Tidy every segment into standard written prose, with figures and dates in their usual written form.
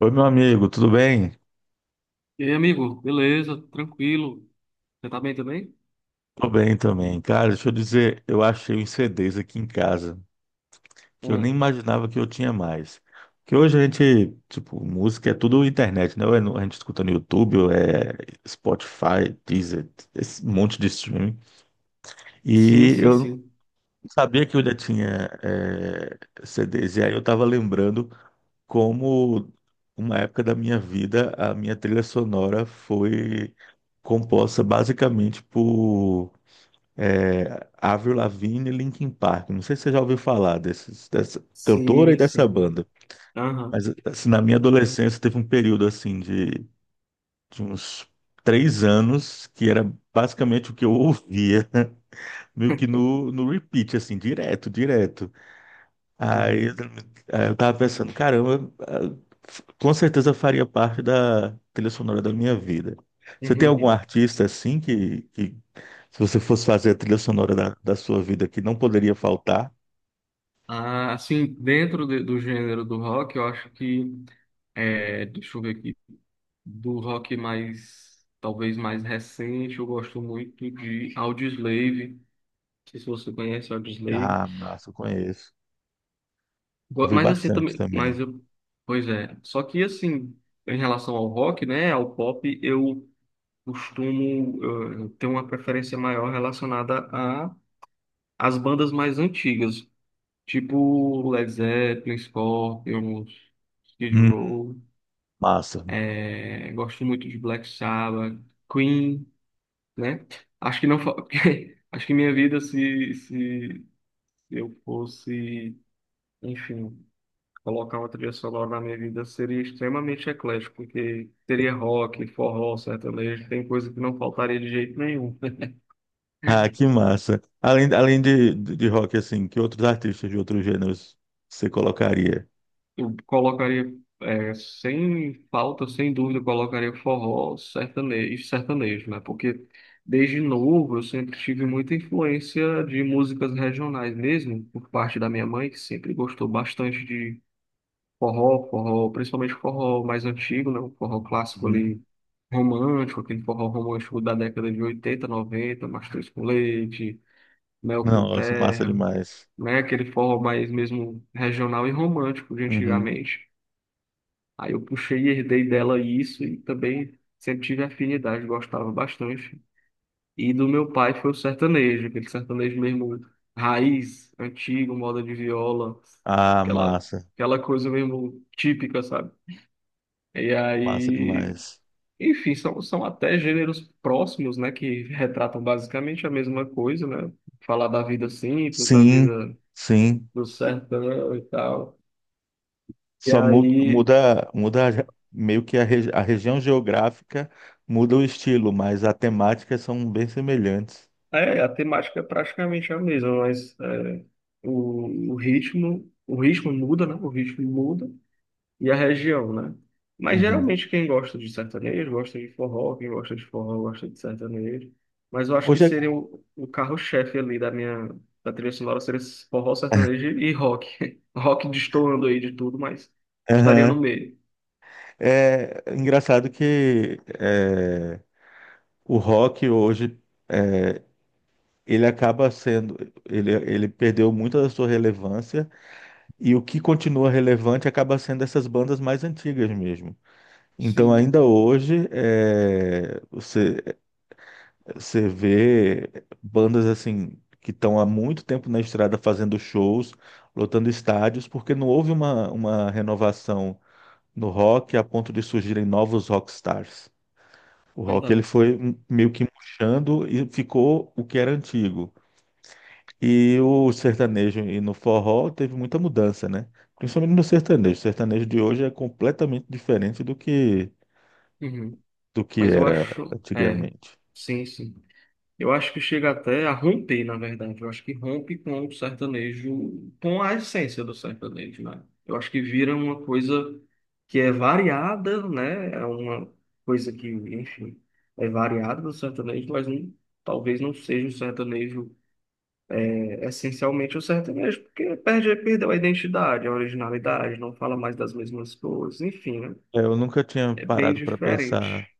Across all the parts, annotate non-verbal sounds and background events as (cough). Oi, meu amigo, tudo bem? E aí, amigo, beleza, tranquilo. Você tá bem também? Tudo bem também. Cara, deixa eu dizer, eu achei uns CDs aqui em casa que eu nem Hum. imaginava que eu tinha mais. Porque hoje a gente, tipo, música é tudo internet, né? Ou é no- a gente escuta no YouTube, ou é Spotify, Deezer, esse monte de streaming. Sim, E sim, eu não sim. sabia que eu já tinha CDs. E aí eu tava lembrando como uma época da minha vida a minha trilha sonora foi composta basicamente por É, Avril Lavigne e Linkin Park. Não sei se você já ouviu falar desses, dessa cantora e Sim, dessa sim. banda. Mas Aham. assim, na minha adolescência teve um período assim de uns três anos que era basicamente o que eu ouvia, (laughs) meio que no repeat, assim, direto, direto. Aí, eu Uhum. aí eu tava pensando, caramba, ah, f- com certeza faria parte da trilha sonora da minha vida. Você tem algum (laughs) artista assim que se você fosse fazer a trilha sonora da, da sua vida que não poderia faltar, Ah, assim, do gênero do rock, eu acho que, deixa eu ver aqui, do rock mais, talvez mais recente, eu gosto muito de Audioslave. Não sei se você conhece Audioslave. ah, massa, eu conheço. Ouvi Mas assim, bastante também, mas também. eu, pois é. Só que assim, em relação ao rock, né, ao pop, eu costumo ter uma preferência maior relacionada a as bandas mais antigas, tipo Led Zeppelin, Scorpions, Skid Hum, Row, massa. Gosto muito de Black Sabbath, Queen, né? Acho que não, (laughs) porque acho que minha vida se eu fosse, enfim, colocar uma trilha sonora na minha vida seria extremamente eclético, porque teria rock, forró, sertanejo, tem coisa que não faltaria de jeito nenhum. Ah, (laughs) que massa. Além, além de rock, assim, que outros artistas de outros gêneros você colocaria? Eu colocaria, sem falta, sem dúvida, eu colocaria forró sertanejo, sertanejo, né? Porque desde novo eu sempre tive muita influência de músicas regionais mesmo, por parte da minha mãe, que sempre gostou bastante de forró, forró, principalmente forró mais antigo, né? O forró clássico Uhum. ali, romântico, aquele forró romântico da década de 80 90. Mastruz com Leite, Mel com Nossa, massa Terra, demais. né? Aquele forró mais mesmo regional e romântico de Uhum. antigamente. Aí eu puxei e herdei dela isso e também sempre tive afinidade, gostava bastante. E do meu pai foi o sertanejo, aquele sertanejo mesmo raiz, antigo, moda de viola, Ah, aquela, massa. aquela coisa mesmo típica, sabe? E Massa aí, demais. enfim, são até gêneros próximos, né, que retratam basicamente a mesma coisa, né? Falar da vida simples, da Sim, vida sim. do sertão e tal. E Só muda, aí. muda, muda a- meio que a, regi- a região geográfica muda o estilo, mas as temáticas são bem semelhantes. É, a temática é praticamente a mesma, mas o ritmo, muda, né? O ritmo muda e a região, né? Mas Uhum. geralmente quem gosta de sertanejo gosta de forró, quem gosta de forró gosta de sertanejo. Mas eu acho que Hoje é, seria o carro-chefe ali da trilha sonora seria esse forró, sertanejo e rock. (laughs) Rock destoando aí de tudo, mas estaria no aham. meio. É engraçado que é, o rock hoje é, ele acaba sendo, ele perdeu muito da sua relevância e o que continua relevante acaba sendo essas bandas mais antigas mesmo. Então Sim, ainda hoje é, você você vê bandas assim que estão há muito tempo na estrada fazendo shows, lotando estádios, porque não houve uma renovação no rock a ponto de surgirem novos rockstars. O rock ele verdade. foi meio que murchando e ficou o que era antigo. E o sertanejo e no forró teve muita mudança, né? Principalmente no sertanejo. O sertanejo de hoje é completamente diferente Uhum. do que Mas eu era acho, é, antigamente. sim, sim. Eu acho que chega até a romper, na verdade. Eu acho que rompe com o sertanejo, com a essência do sertanejo, né? Eu acho que vira uma coisa que é variada, né? É uma coisa que, enfim, é variada do sertanejo, mas não, talvez não seja o sertanejo, essencialmente o sertanejo, porque perdeu a identidade, a originalidade, não fala mais das mesmas coisas, enfim, né? É, eu nunca tinha É bem parado para pensar diferente.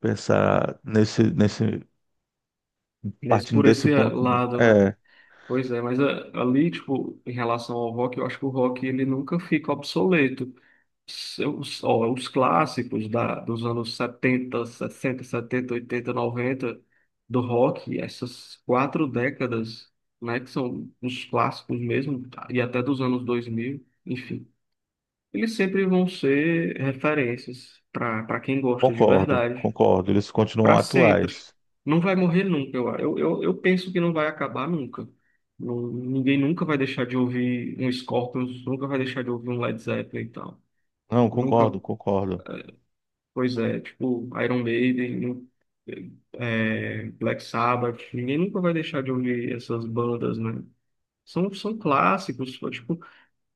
nesse, nesse, Mas partindo por desse esse ponto, não. lado, né? É, Pois é, mas ali, tipo, em relação ao rock, eu acho que o rock ele nunca fica obsoleto. Os clássicos dos anos 70 60 70 80 90 do rock, essas 4 décadas, né, que são os clássicos mesmo, e até dos anos 2000 enfim, eles sempre vão ser referências para quem gosta de concordo, verdade concordo. Eles continuam para sempre. atuais. Não vai morrer nunca, eu penso que não vai acabar nunca. Ninguém nunca vai deixar de ouvir um Scorpions, nunca vai deixar de ouvir um Led Zeppelin e tal. Não, Nunca, concordo, concordo. pois é, tipo Iron Maiden, Black Sabbath, ninguém nunca vai deixar de ouvir essas bandas, né? São clássicos, tipo,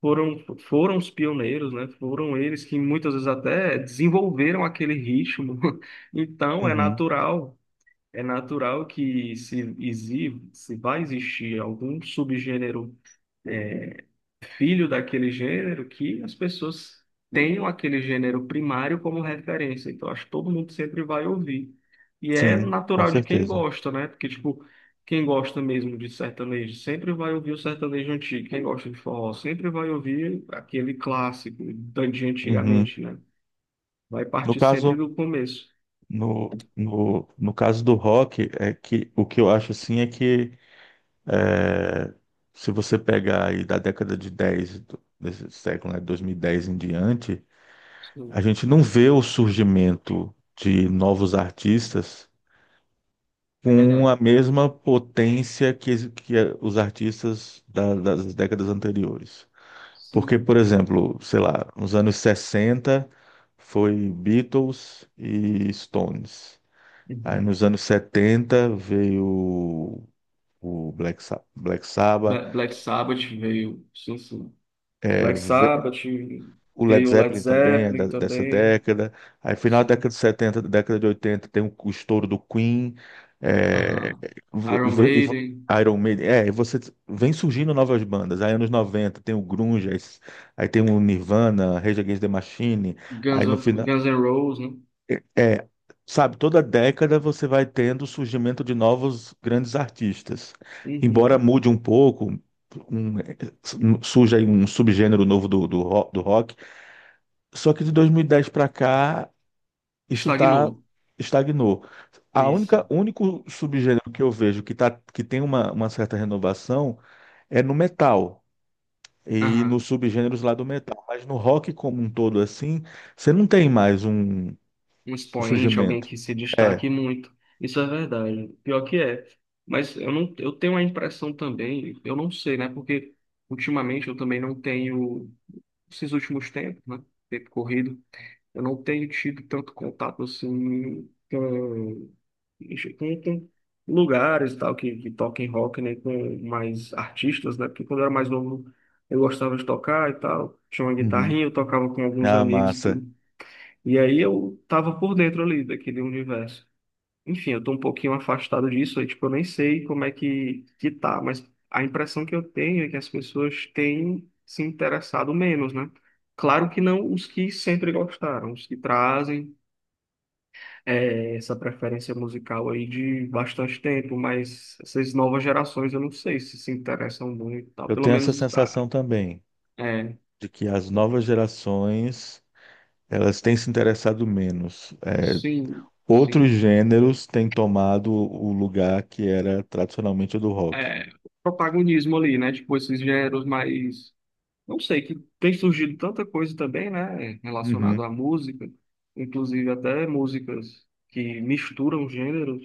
foram os pioneiros, né? Foram eles que muitas vezes até desenvolveram aquele ritmo. (laughs) Então é Uhum, natural é natural que se vai existir algum subgênero filho daquele gênero, que as pessoas tenham aquele gênero primário como referência. Então, acho que todo mundo sempre vai ouvir. E é sim, com natural de quem certeza. gosta, né? Porque, tipo, quem gosta mesmo de sertanejo sempre vai ouvir o sertanejo antigo. Quem gosta de forró sempre vai ouvir aquele clássico de Uhum. antigamente, né? Vai No partir sempre caso, do começo. No caso do rock, é que o que eu acho assim é que é, se você pegar aí da década de 10 do- desse século, né, 2010 em diante, Sim, a gente não vê o surgimento de novos artistas é com verdade. a mesma potência que, es- que os artistas da- das décadas anteriores. Porque, Sim. por exemplo, sei lá, nos anos 60 foi Beatles e Stones. Aí Uhum. nos anos 70 veio o Black, Sa- Black Sabbath. Black Sabbath veio, sim, sim. Black Sabbath O Led veio Led Zeppelin também é da- Zeppelin dessa também, década. Aí, final da década sim. de 70, década de 80 tem o estouro do Queen. É, Aham. v- Iron v- e v- Maiden, Iron Maiden. É, e você vem surgindo novas bandas. Aí, anos 90 tem o Grunge. Aí, s- aí tem o Nirvana, Rage Against the Machine. Aí, no final. Guns N' Roses, né? É, sabe, toda década você vai tendo o surgimento de novos grandes artistas. Embora Uhum. mude um pouco. Um- surge aí um subgênero novo do, do, ro- do rock, só que de 2010 para cá, isso tá Estagnou. estagnou. A Isso. única o único subgênero que eu vejo que tá que tem uma certa renovação é no metal e Aham. nos subgêneros lá do metal, mas no rock como um todo assim, você não tem mais um, Um um expoente, alguém surgimento. que se destaque muito. Isso é verdade. Pior que é. Mas eu não, eu tenho a impressão também, eu não sei, né? Porque ultimamente eu também não tenho, esses últimos tempos, né? Tempo corrido. Eu não tenho tido tanto contato assim com, com lugares e tal que toquem rock, né, com mais artistas, né? Porque quando eu era mais novo eu gostava de tocar e tal, tinha uma Uhum. guitarrinha, eu tocava com alguns Ah, amigos e massa. tudo. E aí eu tava por dentro ali daquele universo. Enfim, eu tô um pouquinho afastado disso, aí, tipo, eu nem sei como é que tá, mas a impressão que eu tenho é que as pessoas têm se interessado menos, né? Claro que não os que sempre gostaram, os que trazem essa preferência musical aí de bastante tempo, mas essas novas gerações eu não sei se se interessam muito e tal. Eu Pelo tenho essa menos, ah, sensação também é, de que as novas gerações elas têm se interessado menos. É, sim, outros sim. gêneros têm tomado o lugar que era tradicionalmente o do rock. É, o protagonismo ali, né? Tipo, esses gêneros mais. Não sei, que tem surgido tanta coisa também, né? Uhum, Relacionado à música, inclusive até músicas que misturam gêneros.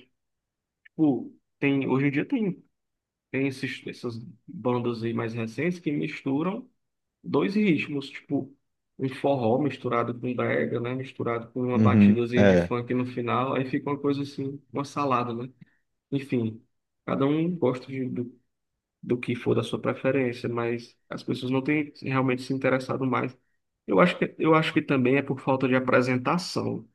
Tipo, hoje em dia tem essas bandas aí mais recentes que misturam. Dois ritmos, tipo, um forró misturado com brega, né? Misturado com uma uhum, batidazinha de é. funk no final, aí fica uma coisa assim, uma salada, né? Enfim, cada um gosta do que for da sua preferência, mas as pessoas não têm realmente se interessado mais. Eu acho que também é por falta de apresentação.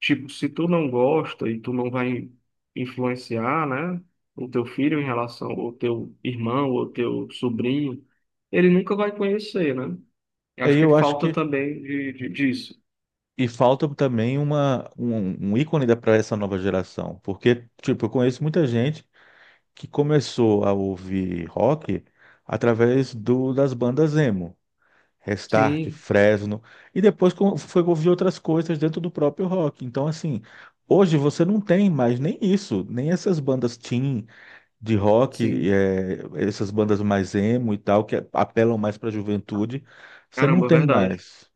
Tipo, se tu não gosta e tu não vai influenciar, né? O teu filho em relação ao teu irmão ou teu sobrinho, ele nunca vai conhecer, né? Eu acho Aí que eu acho falta que. também disso. E falta também uma, um ícone para essa nova geração. Porque, tipo, eu conheço muita gente que começou a ouvir rock através do, das bandas emo. Restart, Sim, Fresno. E depois co- foi ouvir outras coisas dentro do próprio rock. Então, assim, hoje você não tem mais nem isso, nem essas bandas teen. De rock, sim. eh, essas bandas mais emo e tal, que é, apelam mais para a juventude, você não Caramba, tem verdade. mais.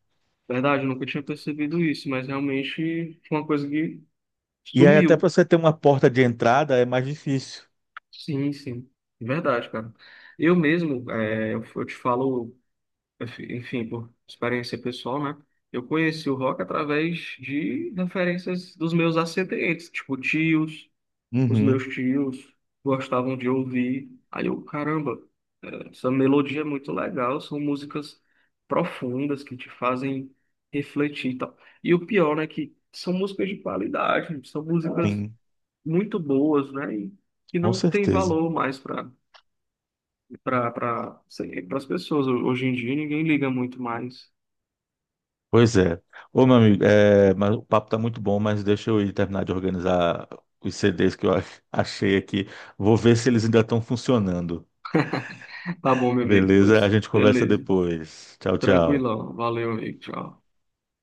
Verdade, eu nunca tinha percebido isso, mas realmente foi uma coisa que E aí, até para sumiu. você ter uma porta de entrada, é mais difícil. Sim, sim. Verdade, cara. Eu mesmo, eu te falo, enfim, por experiência pessoal, né? Eu conheci o rock através de referências dos meus ascendentes, tipo tios, os Uhum, meus tios gostavam de ouvir. Aí eu, caramba, essa melodia é muito legal, são músicas profundas que te fazem refletir e tal. E o pior, né, que são músicas de qualidade, são músicas sim, muito boas, né, e que com não tem certeza. valor mais para as pessoas. Hoje em dia ninguém liga muito mais. Pois é. Ô, meu amigo, eh, mas o papo tá muito bom, mas deixa eu ir terminar de organizar os CDs que eu ach- (laughs) achei aqui. Vou ver se eles ainda estão funcionando. Tá bom, meu amigo, Beleza? A pois gente conversa beleza. depois. Tchau, tchau. Tranquilão, valeu, amigo, tchau.